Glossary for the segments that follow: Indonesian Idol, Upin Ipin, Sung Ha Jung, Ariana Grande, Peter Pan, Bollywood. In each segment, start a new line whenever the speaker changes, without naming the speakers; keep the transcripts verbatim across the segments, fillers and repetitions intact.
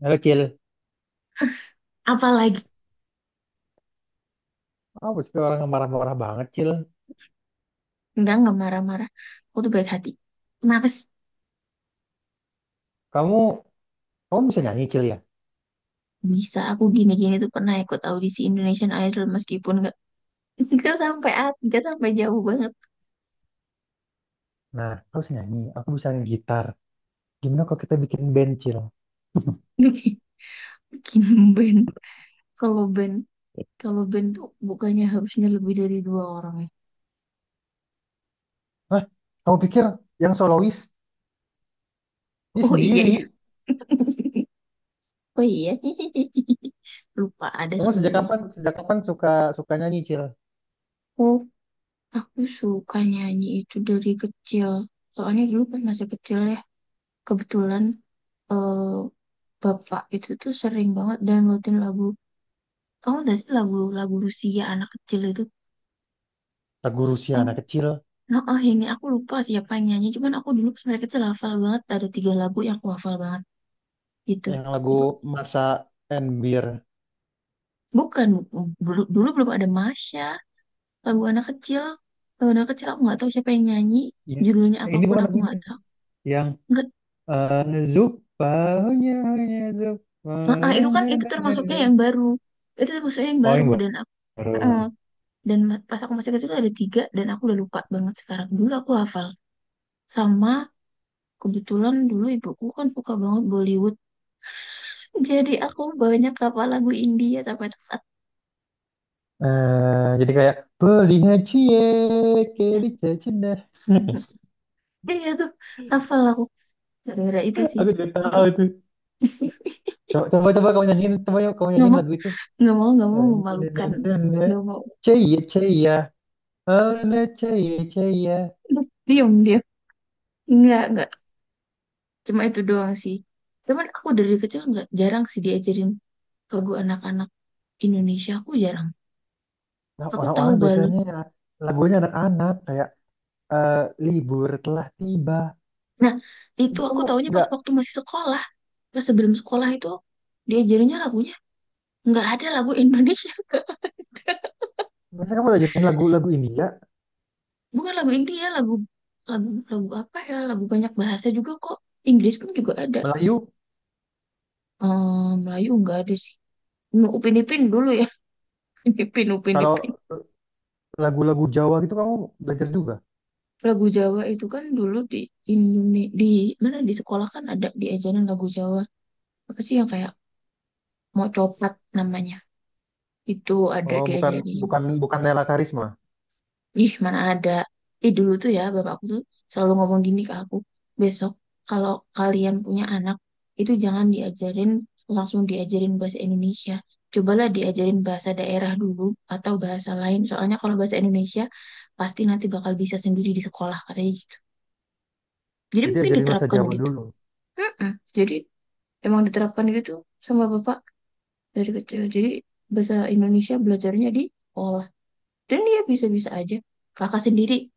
Halo Cil,
Apalagi,
apa sih orang yang marah-marah banget Cil?
enggak enggak marah-marah. Aku tuh baik hati. Kenapa sih?
Kamu, kamu bisa nyanyi Cil ya?
Bisa. Aku gini-gini tuh pernah ikut audisi Indonesian Idol meskipun enggak, enggak sampai at enggak sampai jauh banget.
Nah, kamu bisa nyanyi, aku bisa gitar. Gimana kalau kita bikin band Cil?
Bikin band. Kalau band kalau band tuh bukannya harusnya lebih dari dua orang, ya?
Hah? Kamu pikir yang solois dia
Oh iya ya.
sendiri?
Oh iya. Lupa ada
Kamu sejak kapan,
Sulawesi.
sejak kapan suka suka nyanyi Cil?
Oh, aku suka nyanyi itu dari kecil. Soalnya dulu pas masih kecil ya, kebetulan, eh bapak itu tuh sering banget downloadin lagu. Tahu nggak sih lagu-lagu Rusia anak kecil itu?
Lagu Rusia
Tahu?
anak kecil,
Nah, ah, ini aku lupa siapa yang nyanyi. Cuman aku dulu pas mereka kecil hafal banget. Ada tiga lagu yang aku hafal banget. Gitu.
yang lagu
Itu
Masa and Beer.
bukan, bu- dulu, dulu belum ada Masya. Lagu anak kecil. Lagu anak kecil aku nggak tahu siapa yang nyanyi.
Ya,
Judulnya
ini
apapun
bukan
aku
lagunya.
nggak tahu.
Yang
Nggak,
eh, Zup, baunya hanya Zup.
ah, ah, itu kan itu termasuknya yang baru. Itu termasuknya yang
Oh,
baru
yang
dan aku. ah, ah.
baru.
dan ma- pas aku masih kecil tuh ada tiga dan aku udah lupa banget sekarang. Dulu aku hafal. Sama, kebetulan dulu ibuku kan suka banget Bollywood. Jadi aku banyak hafal lagu India sampai saat.
Eh, jadi kayak beli cie kiri cina.
Iya, iya, tuh hafal aku. Gara-gara itu sih.
Aku juga
Aku.
tahu itu. Coba coba, coba kamu nyanyiin, coba yuk kamu
Nggak
nyanyiin
mau,
lagu itu.
nggak mau, nggak mau memalukan. Nggak mau.
Cie cie, ya. Oh na cie cie, ya.
Diam dia. Nggak, nggak. Cuma itu doang sih. Cuman aku dari kecil nggak jarang sih diajarin lagu anak-anak Indonesia. Aku jarang.
Nah,
Aku tahu
orang-orang
balon.
biasanya lagunya anak-anak kayak eh, libur telah tiba.
Nah, itu
Itu
aku
kamu
taunya pas
nggak,
waktu masih sekolah. Pas sebelum sekolah itu diajarinnya lagunya nggak ada lagu Indonesia, Kak.
biasanya kamu belajarin lagu-lagu India,
Bukan lagu India, lagu lagu lagu apa ya, lagu banyak bahasa juga kok. Inggris pun juga ada.
Melayu.
Ehm, Melayu nggak ada sih. Mau Upin Ipin dulu ya? Upin Ipin, Upin Ipin.
Kalau lagu-lagu Jawa gitu kamu belajar juga.
Lagu Jawa itu kan dulu di Indonesia, di mana di sekolah kan ada diajarin lagu Jawa, apa sih yang kayak mau copat namanya, itu ada
Oh bukan,
diajarin.
bukan bukan Nela Karisma.
Ih, mana ada. Ih, dulu tuh ya, bapakku tuh selalu ngomong gini ke aku. Besok, kalau kalian punya anak, itu jangan diajarin, langsung diajarin bahasa Indonesia. Cobalah diajarin bahasa daerah dulu, atau bahasa lain. Soalnya kalau bahasa Indonesia, pasti nanti bakal bisa sendiri di sekolah, katanya gitu. Jadi
Jadi
mungkin
ajarin bahasa
diterapkan
Jawa
gitu.
dulu.
Mm-mm. Jadi, emang diterapkan gitu sama bapak dari kecil. Jadi, bahasa Indonesia belajarnya di sekolah. Dan dia bisa-bisa aja. Kakak sendiri,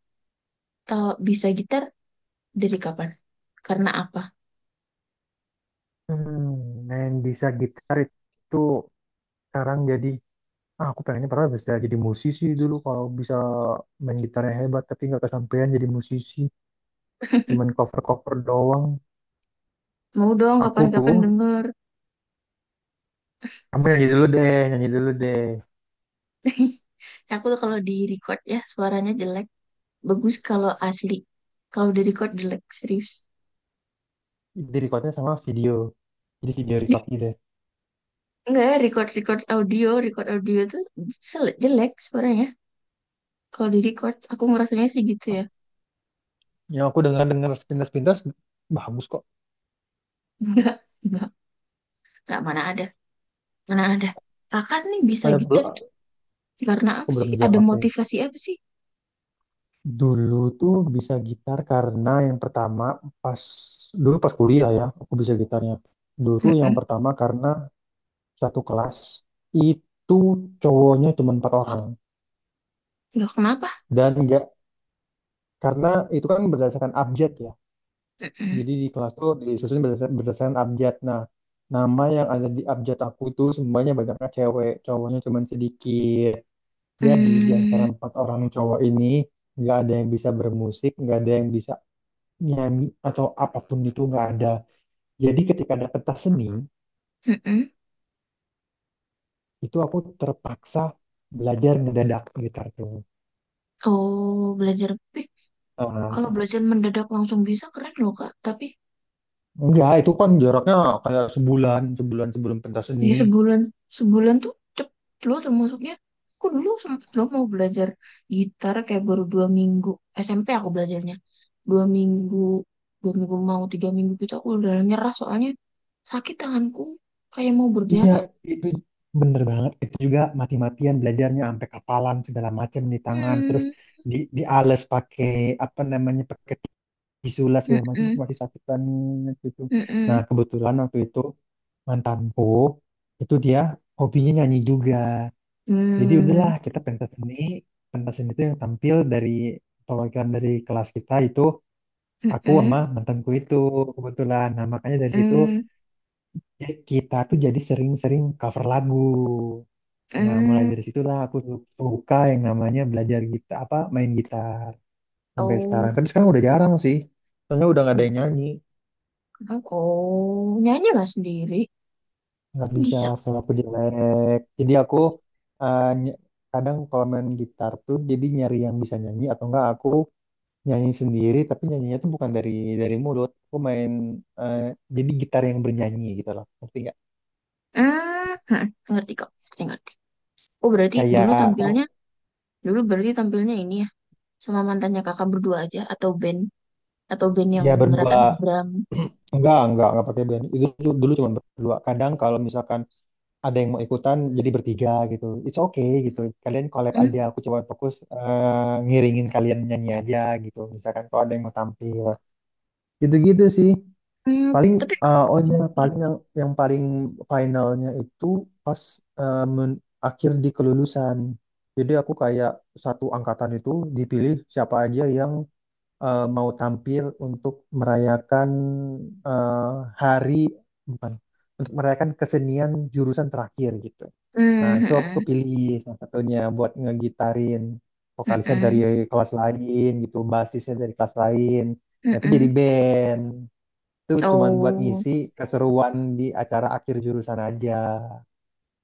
tahu bisa gitar, dari kapan? Karena apa?
Hmm, main bisa gitar itu sekarang jadi ah, aku pengennya pernah bisa jadi musisi dulu kalau bisa main gitarnya hebat, tapi nggak kesampaian jadi musisi, cuman cover-cover doang.
Mau dong
Aku tuh,
kapan-kapan denger.
kamu nyanyi dulu deh, nyanyi dulu deh,
Aku tuh kalau di record ya suaranya jelek. Bagus kalau asli. Kalau di record jelek, serius.
di recordnya sama video, jadi video record gitu deh.
Enggak, record record audio, record audio tuh sel- jelek suaranya. Kalau di record, aku ngerasanya sih gitu ya.
Oh, ya aku dengar dengar sepintas-pintas bagus kok.
Enggak, enggak, enggak mana ada, mana ada. Kakak nih bisa
Kayak
gitar
belum,
itu karena
aku
apa sih?
belum
Ada
jawab ya.
motivasi apa sih?
Dulu tuh bisa gitar karena yang pertama, pas dulu pas kuliah ya aku bisa gitarnya. Dulu tuh yang
Mm-mm.
pertama karena satu kelas itu cowoknya cuma empat orang
Loh, kenapa?
dan enggak, karena itu kan berdasarkan abjad ya.
Mm-mm.
Jadi di kelas tuh disusun berdasarkan, berdasarkan abjad. Nah, nama yang ada di abjad aku itu semuanya banyaknya cewek, cowoknya cuma sedikit. Jadi di antara
Mm.
empat orang cowok ini nggak ada yang bisa bermusik, nggak ada yang bisa nyanyi atau apapun itu nggak ada. Jadi ketika ada pentas seni,
Mm-mm.
itu aku terpaksa belajar ngedadak gitar tuh.
Oh, belajar. Kalau
Eh,
belajar mendadak langsung bisa keren loh, Kak. Tapi
enggak, itu kan jaraknya kayak sebulan, sebulan sebelum pentas seni.
ya sebulan, sebulan tuh cepet loh termasuknya. Aku dulu sempet loh mau belajar gitar kayak baru dua minggu, S M P aku belajarnya. Dua minggu, dua minggu mau tiga minggu gitu aku udah nyerah, soalnya sakit tanganku kayak mau
Iya,
berdarah.
itu bener banget. Itu juga mati-matian belajarnya sampai kapalan segala macam di tangan, terus
Hmm.
di diales pakai apa namanya, pakai tisu lah segala macam itu
Mm-mm.
masih sakitan gitu. Nah,
Mm-mm.
kebetulan waktu itu mantanku itu dia hobinya nyanyi juga. Jadi udahlah
Mm.
kita pentas seni, pentas seni itu yang tampil dari perwakilan dari kelas kita itu aku sama
Mm-mm.
mantanku itu kebetulan. Nah makanya dari situ
Mm.
ya kita tuh jadi sering-sering cover lagu. Nah mulai
Mm.
dari situlah aku su- suka yang namanya belajar gitar apa main gitar sampai sekarang.
Oh,
Tapi sekarang udah jarang sih, soalnya udah nggak ada yang
kenapa?
nyanyi,
Kenapa? Oh, nyanyi lah sendiri.
nggak bisa,
Bisa.
suara aku jelek. Jadi aku eh, ny- kadang kalau main gitar tuh jadi nyari yang bisa nyanyi atau enggak aku nyanyi sendiri, tapi nyanyinya tuh bukan dari dari mulut aku main, eh, jadi gitar yang bernyanyi gitu loh, ngerti nggak,
hmm hah, Ngerti kok, ngerti ngerti. Oh, berarti
kayak
dulu
kamu.
tampilnya, dulu berarti tampilnya ini ya, sama mantannya kakak berdua aja, atau band, atau band yang
Ya
beneran ada
berdua,
drum.
enggak enggak enggak pakai band itu dulu, dulu cuma berdua. Kadang kalau misalkan ada yang mau ikutan jadi bertiga gitu it's okay gitu, kalian collab aja,
Hmm.
aku coba fokus eh, ngiringin kalian nyanyi aja gitu, misalkan kalau ada yang mau tampil gitu gitu sih.
Hmm.
Paling
Tapi.
uh, oh iya, paling yang yang paling finalnya itu pas uh, men- akhir di kelulusan. Jadi aku kayak satu angkatan itu dipilih siapa aja yang uh, mau tampil untuk merayakan uh, hari bukan untuk merayakan kesenian jurusan terakhir gitu. Nah,
Hmm.
itu aku
Hmm.
kepilih salah satunya buat ngegitarin
Hmm.
vokalisnya
Hmm.
dari kelas lain gitu, basisnya dari kelas lain.
Hmm.
Nah, itu jadi
Hmm.
band itu cuman buat
Oh.
ngisi keseruan di acara akhir jurusan aja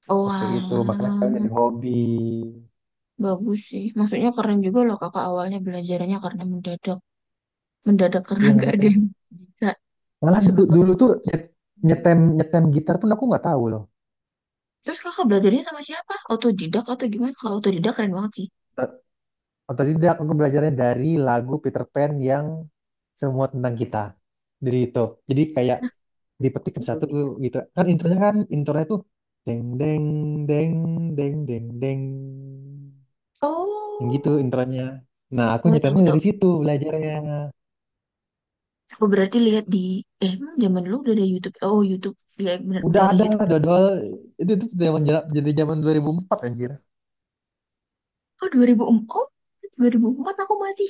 Oh
waktu itu, makanya sekarang
alah,
jadi hobi,
bagus sih. Maksudnya keren juga loh, kakak awalnya belajarnya karena mendadak, mendadak karena
iya kan
gak ada
ya.
yang bisa,
Malah
suka
dulu,
nggak
dulu
boleh.
tuh nyet- nyetem nyetem gitar pun aku nggak tahu loh.
Terus kakak belajarnya sama siapa? Autodidak atau gimana? Kalau autodidak keren banget sih.
Ot- Otodidak, aku belajarnya dari lagu Peter Pan yang semua tentang kita, dari itu jadi kayak dipetik
Nah.
satu gitu kan, intronya, kan intronya tuh deng deng deng, deng deng deng, yang gitu
Oh,
intronya. Nah aku
oh tahu
nyetemnya
tahu.
dari situ belajarnya.
Aku berarti lihat di, eh, emang zaman dulu udah ada YouTube. Oh, YouTube. Iya, benar udah
Udah
ada
ada
YouTube.
dodol, itu itu zaman jera- jadi zaman dua ribu empat anjir.
Oh, dua ribu empat. Oh, dua ribu empat aku masih,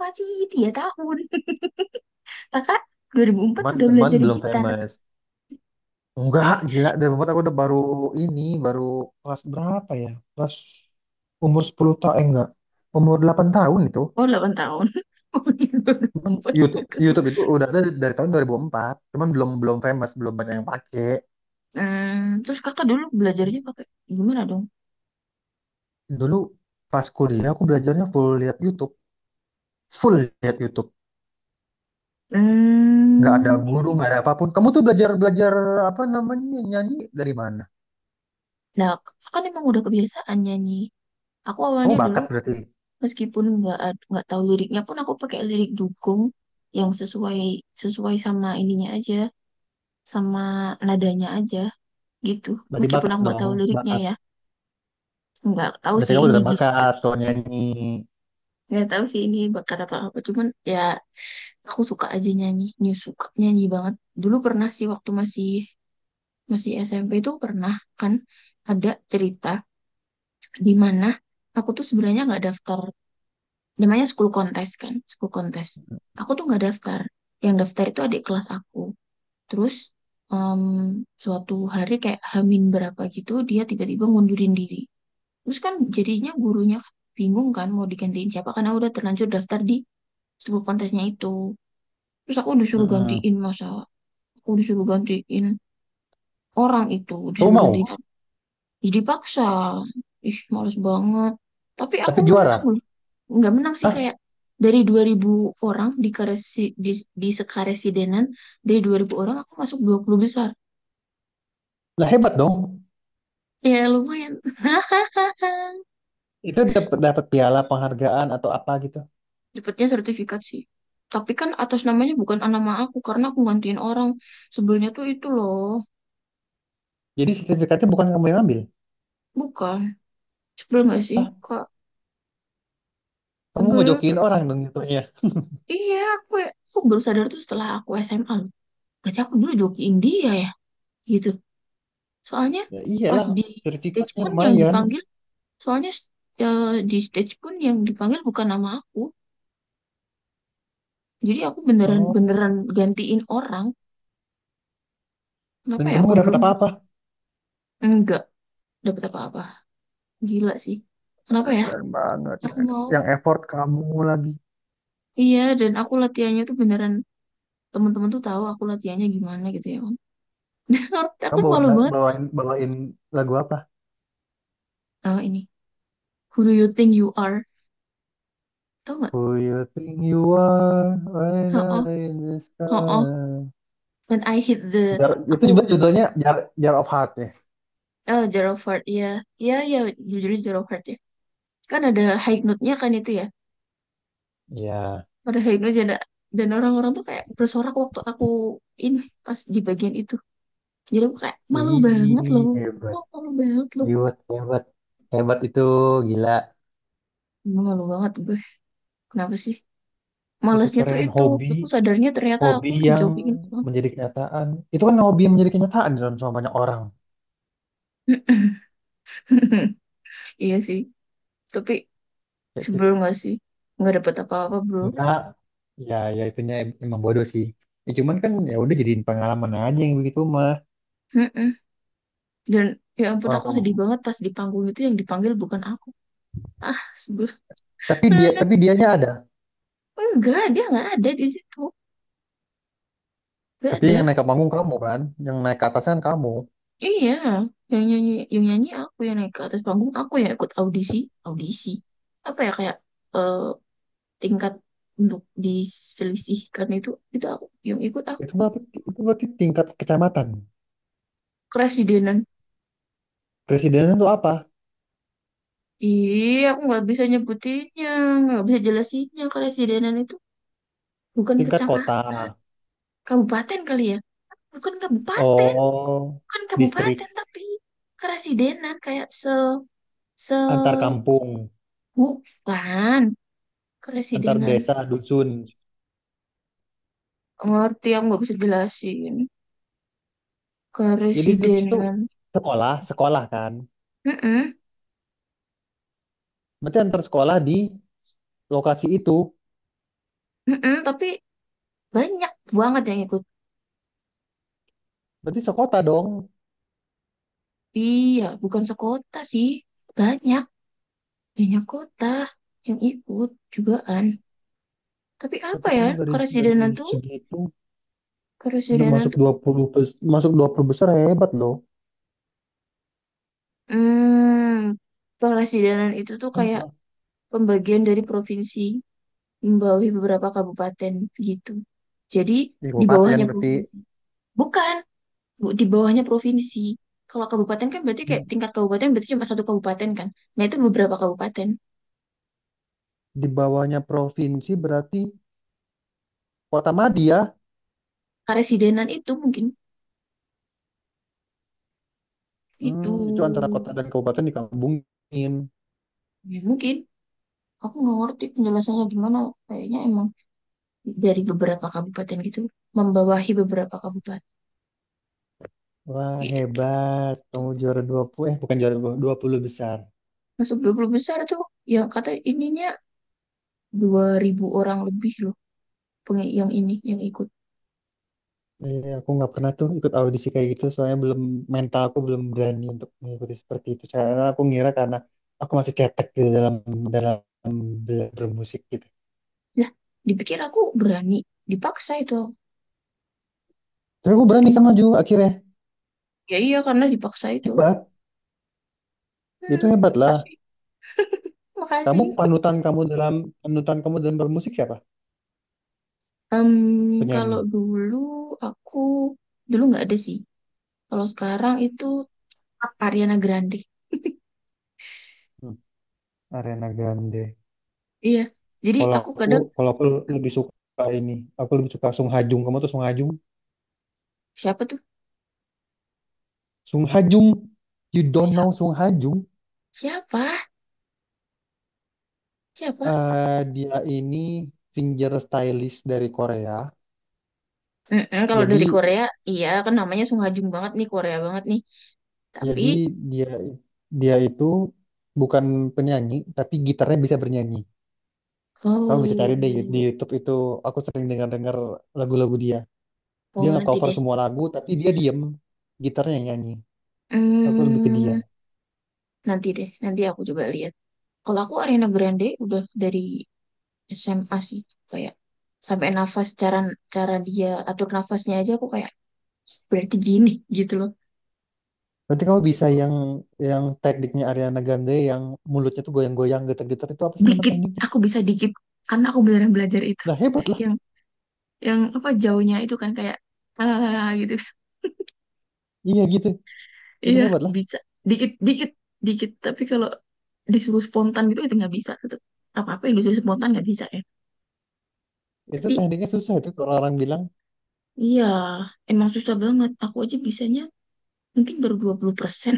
masih tiga tahun. Kakak dua ribu empat
Cuman
udah
teman
belajar
belum
gitar.
famous. Enggak, gila. Dari empat aku udah baru, ini baru kelas berapa ya? Kelas umur sepuluh tahun, eh enggak, umur delapan tahun itu.
Oh, delapan tahun. Oh,
Cuman
dua ribu empat
YouTube
aku.
YouTube itu udah ada dari tahun dua ribu empat cuman belum belum famous, belum banyak yang pakai.
Hmm, terus kakak dulu belajarnya pakai gimana dong?
Dulu pas kuliah aku belajarnya full lihat YouTube, full lihat YouTube. Nggak ada
Hmm.
guru, nggak ada apapun. Kamu tuh belajar belajar apa namanya nyanyi dari mana?
Nah, kakak kan emang udah kebiasaan nyanyi. Aku
Kamu
awalnya dulu,
bakat berarti.
meskipun nggak ad- nggak tahu liriknya pun aku pakai lirik dukung yang sesuai, sesuai sama ininya aja, sama nadanya aja, gitu.
Berarti
Meskipun
bakat
aku nggak
dong,
tahu liriknya
bakat.
ya, nggak tahu
Berarti
sih
kamu
ini
udah
gitu,
bakat kalau nyanyi.
nggak tahu sih ini bakal atau apa, cuman ya aku suka aja nyanyi, nyu- suka nyanyi banget. Dulu pernah sih waktu masih, masih S M P itu pernah. Kan ada cerita di mana aku tuh sebenarnya nggak daftar, namanya school kontes kan, school kontes, aku tuh nggak daftar. Yang daftar itu adik kelas aku, terus, em, suatu hari kayak hamin berapa gitu dia tiba-tiba ngundurin diri. Terus kan jadinya gurunya bingung kan mau digantiin siapa, karena udah terlanjur daftar di school kontesnya itu. Terus aku disuruh
Mm-mm.
gantiin, masa aku disuruh gantiin orang, itu
Kamu
disuruh gantiin.
mau,
Jadi paksa. Ih, males banget. Tapi aku
tapi
menang
juara.
loh. Nggak menang sih
Hah?
kayak, dari dua ribu orang di karesi, di, di sekaresidenan, dari dua ribu orang aku masuk dua puluh besar.
Lah hebat dong.
Ya lumayan.
Itu dapat dapat piala penghargaan atau apa gitu.
Dapatnya sertifikat sih. Tapi kan atas namanya bukan nama aku, karena aku gantiin orang. Sebelumnya tuh itu loh.
Jadi sertifikatnya bukan kamu yang ambil.
Bukan. Sebel nggak sih,
Hah?
Kak?
Kamu
Sebel, Kak.
ngejokiin orang dong jatuhnya.
Iya, aku, aku baru sadar tuh setelah aku S M A loh. Berarti aku dulu joki India ya? Gitu. Soalnya
Ya
pas
iyalah,
di stage
sertifikatnya
pun yang
lumayan.
dipanggil, soalnya, eh, di stage pun yang dipanggil bukan nama aku. Jadi aku beneran, beneran
Oh.
gantiin orang. Kenapa
Dan
ya
kamu
aku
nggak
dulu
dapat
mau?
apa-apa.
Enggak dapat apa-apa. Gila sih. Kenapa ya?
Keren banget.
Aku mau.
Yang effort kamu lagi.
Iya, dan aku latihannya tuh beneran, teman-teman tuh tahu aku latihannya gimana gitu ya, Om. Aku
Kamu bawain,
malu banget.
bawain, bawain lagu apa?
Oh, ini. Who do you think you are? Tahu nggak?
Who you think you are when
Oh, oh,
I in the
oh.
sky?
When I hit the,
Jar, itu juga
aku.
judulnya Jar, Jar of Heart ya.
Oh, Zero Heart, iya. Iya, iya, jujur Zero Heart ya. Kan ada high note-nya kan itu ya,
Ya,
ada high note, ada. Dan orang-orang tuh kayak bersorak waktu aku ini pas di bagian itu, jadi aku kayak malu banget loh.
wih, hebat,
Oh, malu banget loh.
hebat, hebat, hebat itu gila.
Emang malu banget gue, kenapa sih,
Itu
malesnya tuh
keren
itu
hobi,
aku sadarnya ternyata
hobi
aku
yang
dijogingin orang.
menjadi kenyataan. Itu kan hobi yang menjadi kenyataan di dalam sama banyak orang.
Iya sih, tapi
Kayak gitu.
sebelum, nggak sih, nggak dapet apa-apa, bro.
Enggak, ya, ya itunya em- emang bodoh sih. Ya, cuman kan ya udah jadiin pengalaman aja yang begitu mah,
Mm-mm. Dan ya ampun,
orang
aku
kamu.
sedih banget pas di panggung itu yang dipanggil bukan aku. Ah, sebelum.
Tapi dia, tapi dianya ada.
Enggak, dia nggak ada di situ, nggak
Tapi
ada.
yang naik ke panggung kamu kan, yang naik ke atas kan kamu.
Iya, yang nyanyi yang nyanyi aku, yang naik ke atas panggung aku, yang ikut audisi, audisi apa ya, kayak, eh, tingkat untuk diselisihkan itu itu aku yang ikut
Itu
aku.
berarti, itu berarti tingkat kecamatan.
Keresidenan.
Presidenan itu apa?
Iya, aku nggak bisa nyebutinnya, nggak bisa jelasinnya. Keresidenan itu bukan
Tingkat
kecamatan,
kota.
kabupaten kali ya, bukan kabupaten,
Oh,
bukan
distrik
kabupaten tapi keresidenan, kayak se se
antar kampung,
bukan
antar
keresidenan.
desa, dusun.
Ngerti, aku nggak bisa jelasin
Jadi itu tuh
keresidenan.
sekolah, sekolah kan.
Mm-mm.
Berarti antar sekolah di lokasi itu.
Mm-mm. Tapi banyak banget yang ikut.
Berarti sekota dong.
Iya bukan sekota sih, banyak, banyak kota yang ikut jugaan. Tapi apa
Tapi
ya,
kamu dari dari
keresidenan tuh,
segitu udah
keresidenan
masuk
tuh
dua puluh bes- masuk dua puluh besar, hebat loh.
hmm keresidenan itu tuh
Hebat
kayak
loh.
pembagian dari provinsi, membawahi beberapa kabupaten, gitu jadi
Di
di
kabupaten
bawahnya
berarti
provinsi. Bukan Bu, di bawahnya provinsi. Kalau kabupaten kan berarti kayak
di,
tingkat kabupaten, berarti cuma satu kabupaten kan. Nah, itu beberapa kabupaten.
di bawahnya provinsi berarti kota madya.
Karesidenan itu mungkin itu,
Hmm, itu antara kota dan kabupaten digabungin.
ya mungkin aku nggak ngerti penjelasannya gimana. Kayaknya emang dari beberapa kabupaten gitu membawahi beberapa kabupaten
Wah,
gitu.
hebat. Kamu juara dua puluh, eh bukan juara dua puluh dua puluh besar.
Masuk dua puluh besar tuh yang kata ininya dua ribu orang lebih loh, peng- yang ini yang ikut.
Iya, aku nggak pernah tuh ikut audisi kayak gitu, soalnya belum, mental aku belum berani untuk mengikuti seperti itu. Karena aku ngira karena aku masih cetek gitu dalam dalam be- bermusik gitu.
Lah, dipikir aku berani, dipaksa itu.
Tapi aku berani kan
Dipak-
maju akhirnya.
Ya iya karena dipaksa itu.
Hebat, itu
Hmm,
hebat lah.
pasti.
Kamu
Makasih.
panutan kamu dalam panutan kamu dalam bermusik siapa?
Em,
Penyanyi.
kalau dulu aku, dulu nggak ada sih. Kalau sekarang itu tetap Ariana Grande.
Hmm, Ariana Grande.
Iya. Jadi
Kalau
aku
aku,
kadang,
kalau aku lebih suka ini, aku lebih suka Sung Ha Jung. Kamu tuh Sung Ha Jung?
siapa tuh?
Sung Ha Jung. You don't know
Siapa?
Sung Ha Jung?
Siapa? Siapa?
Eh, dia ini finger stylist dari Korea.
Mm-mm, kalau
Jadi
dari Korea, iya kan namanya Sung Ha Jung banget nih, Korea banget nih. Tapi
jadi dia dia itu bukan penyanyi tapi gitarnya bisa bernyanyi. Kamu bisa cari deh di
oh,
YouTube itu. Aku sering dengar-dengar lagu-lagu dia. Dia
oh nanti
nge-cover
deh.
semua lagu tapi dia diem, gitarnya yang nyanyi. Aku lebih ke dia.
Hmm, nanti deh. Nanti aku coba lihat. Kalau aku Ariana Grande udah dari S M A sih, kayak sampai nafas, cara, cara dia atur nafasnya aja aku kayak, berarti gini gitu loh.
Nanti kamu bisa yang yang tekniknya Ariana Grande yang mulutnya tuh goyang-goyang, getar-getar, itu apa sih nama
Dikit,
tekniknya?
aku bisa dikit, karena aku beneran belajar itu,
Nah hebat lah.
yang yang apa jauhnya itu kan kayak, ah gitu.
Iya gitu. Itu
Iya.
hebat lah.
Bisa dikit dikit dikit, tapi kalau disuruh spontan gitu itu nggak bisa gitu. Apa apa yang disuruh spontan nggak bisa ya.
Itu
Tapi
tekniknya susah itu kalau orang bilang,
iya emang susah banget, aku aja bisanya mungkin baru dua puluh persen.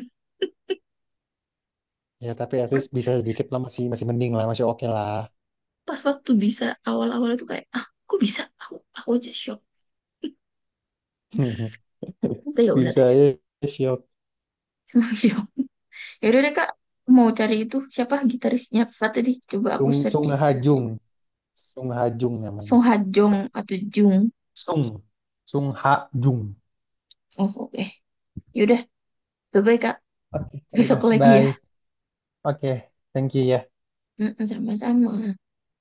ya tapi at least bisa sedikit lah, masih masih mending lah, masih oke lah.
Pas waktu bisa awal-awal itu kayak, ah kok bisa aku aku aja shock. Tapi ya udah
Bisa
deh.
ya siok.
Shock. Yaudah deh Kak, mau cari itu siapa gitarisnya Kak tadi? Coba aku
Sung Sung
searching aja.
Hajung, Sung Hajung namanya.
Song Ha Jong atau Jung.
Sung Sung Hajung.
Oh oke. Yaudah, bye-bye Kak.
Oke, ya
Besok
udah.
lagi ya.
Bye. Oke, thank you ya.
Mm-mm. Sama-sama.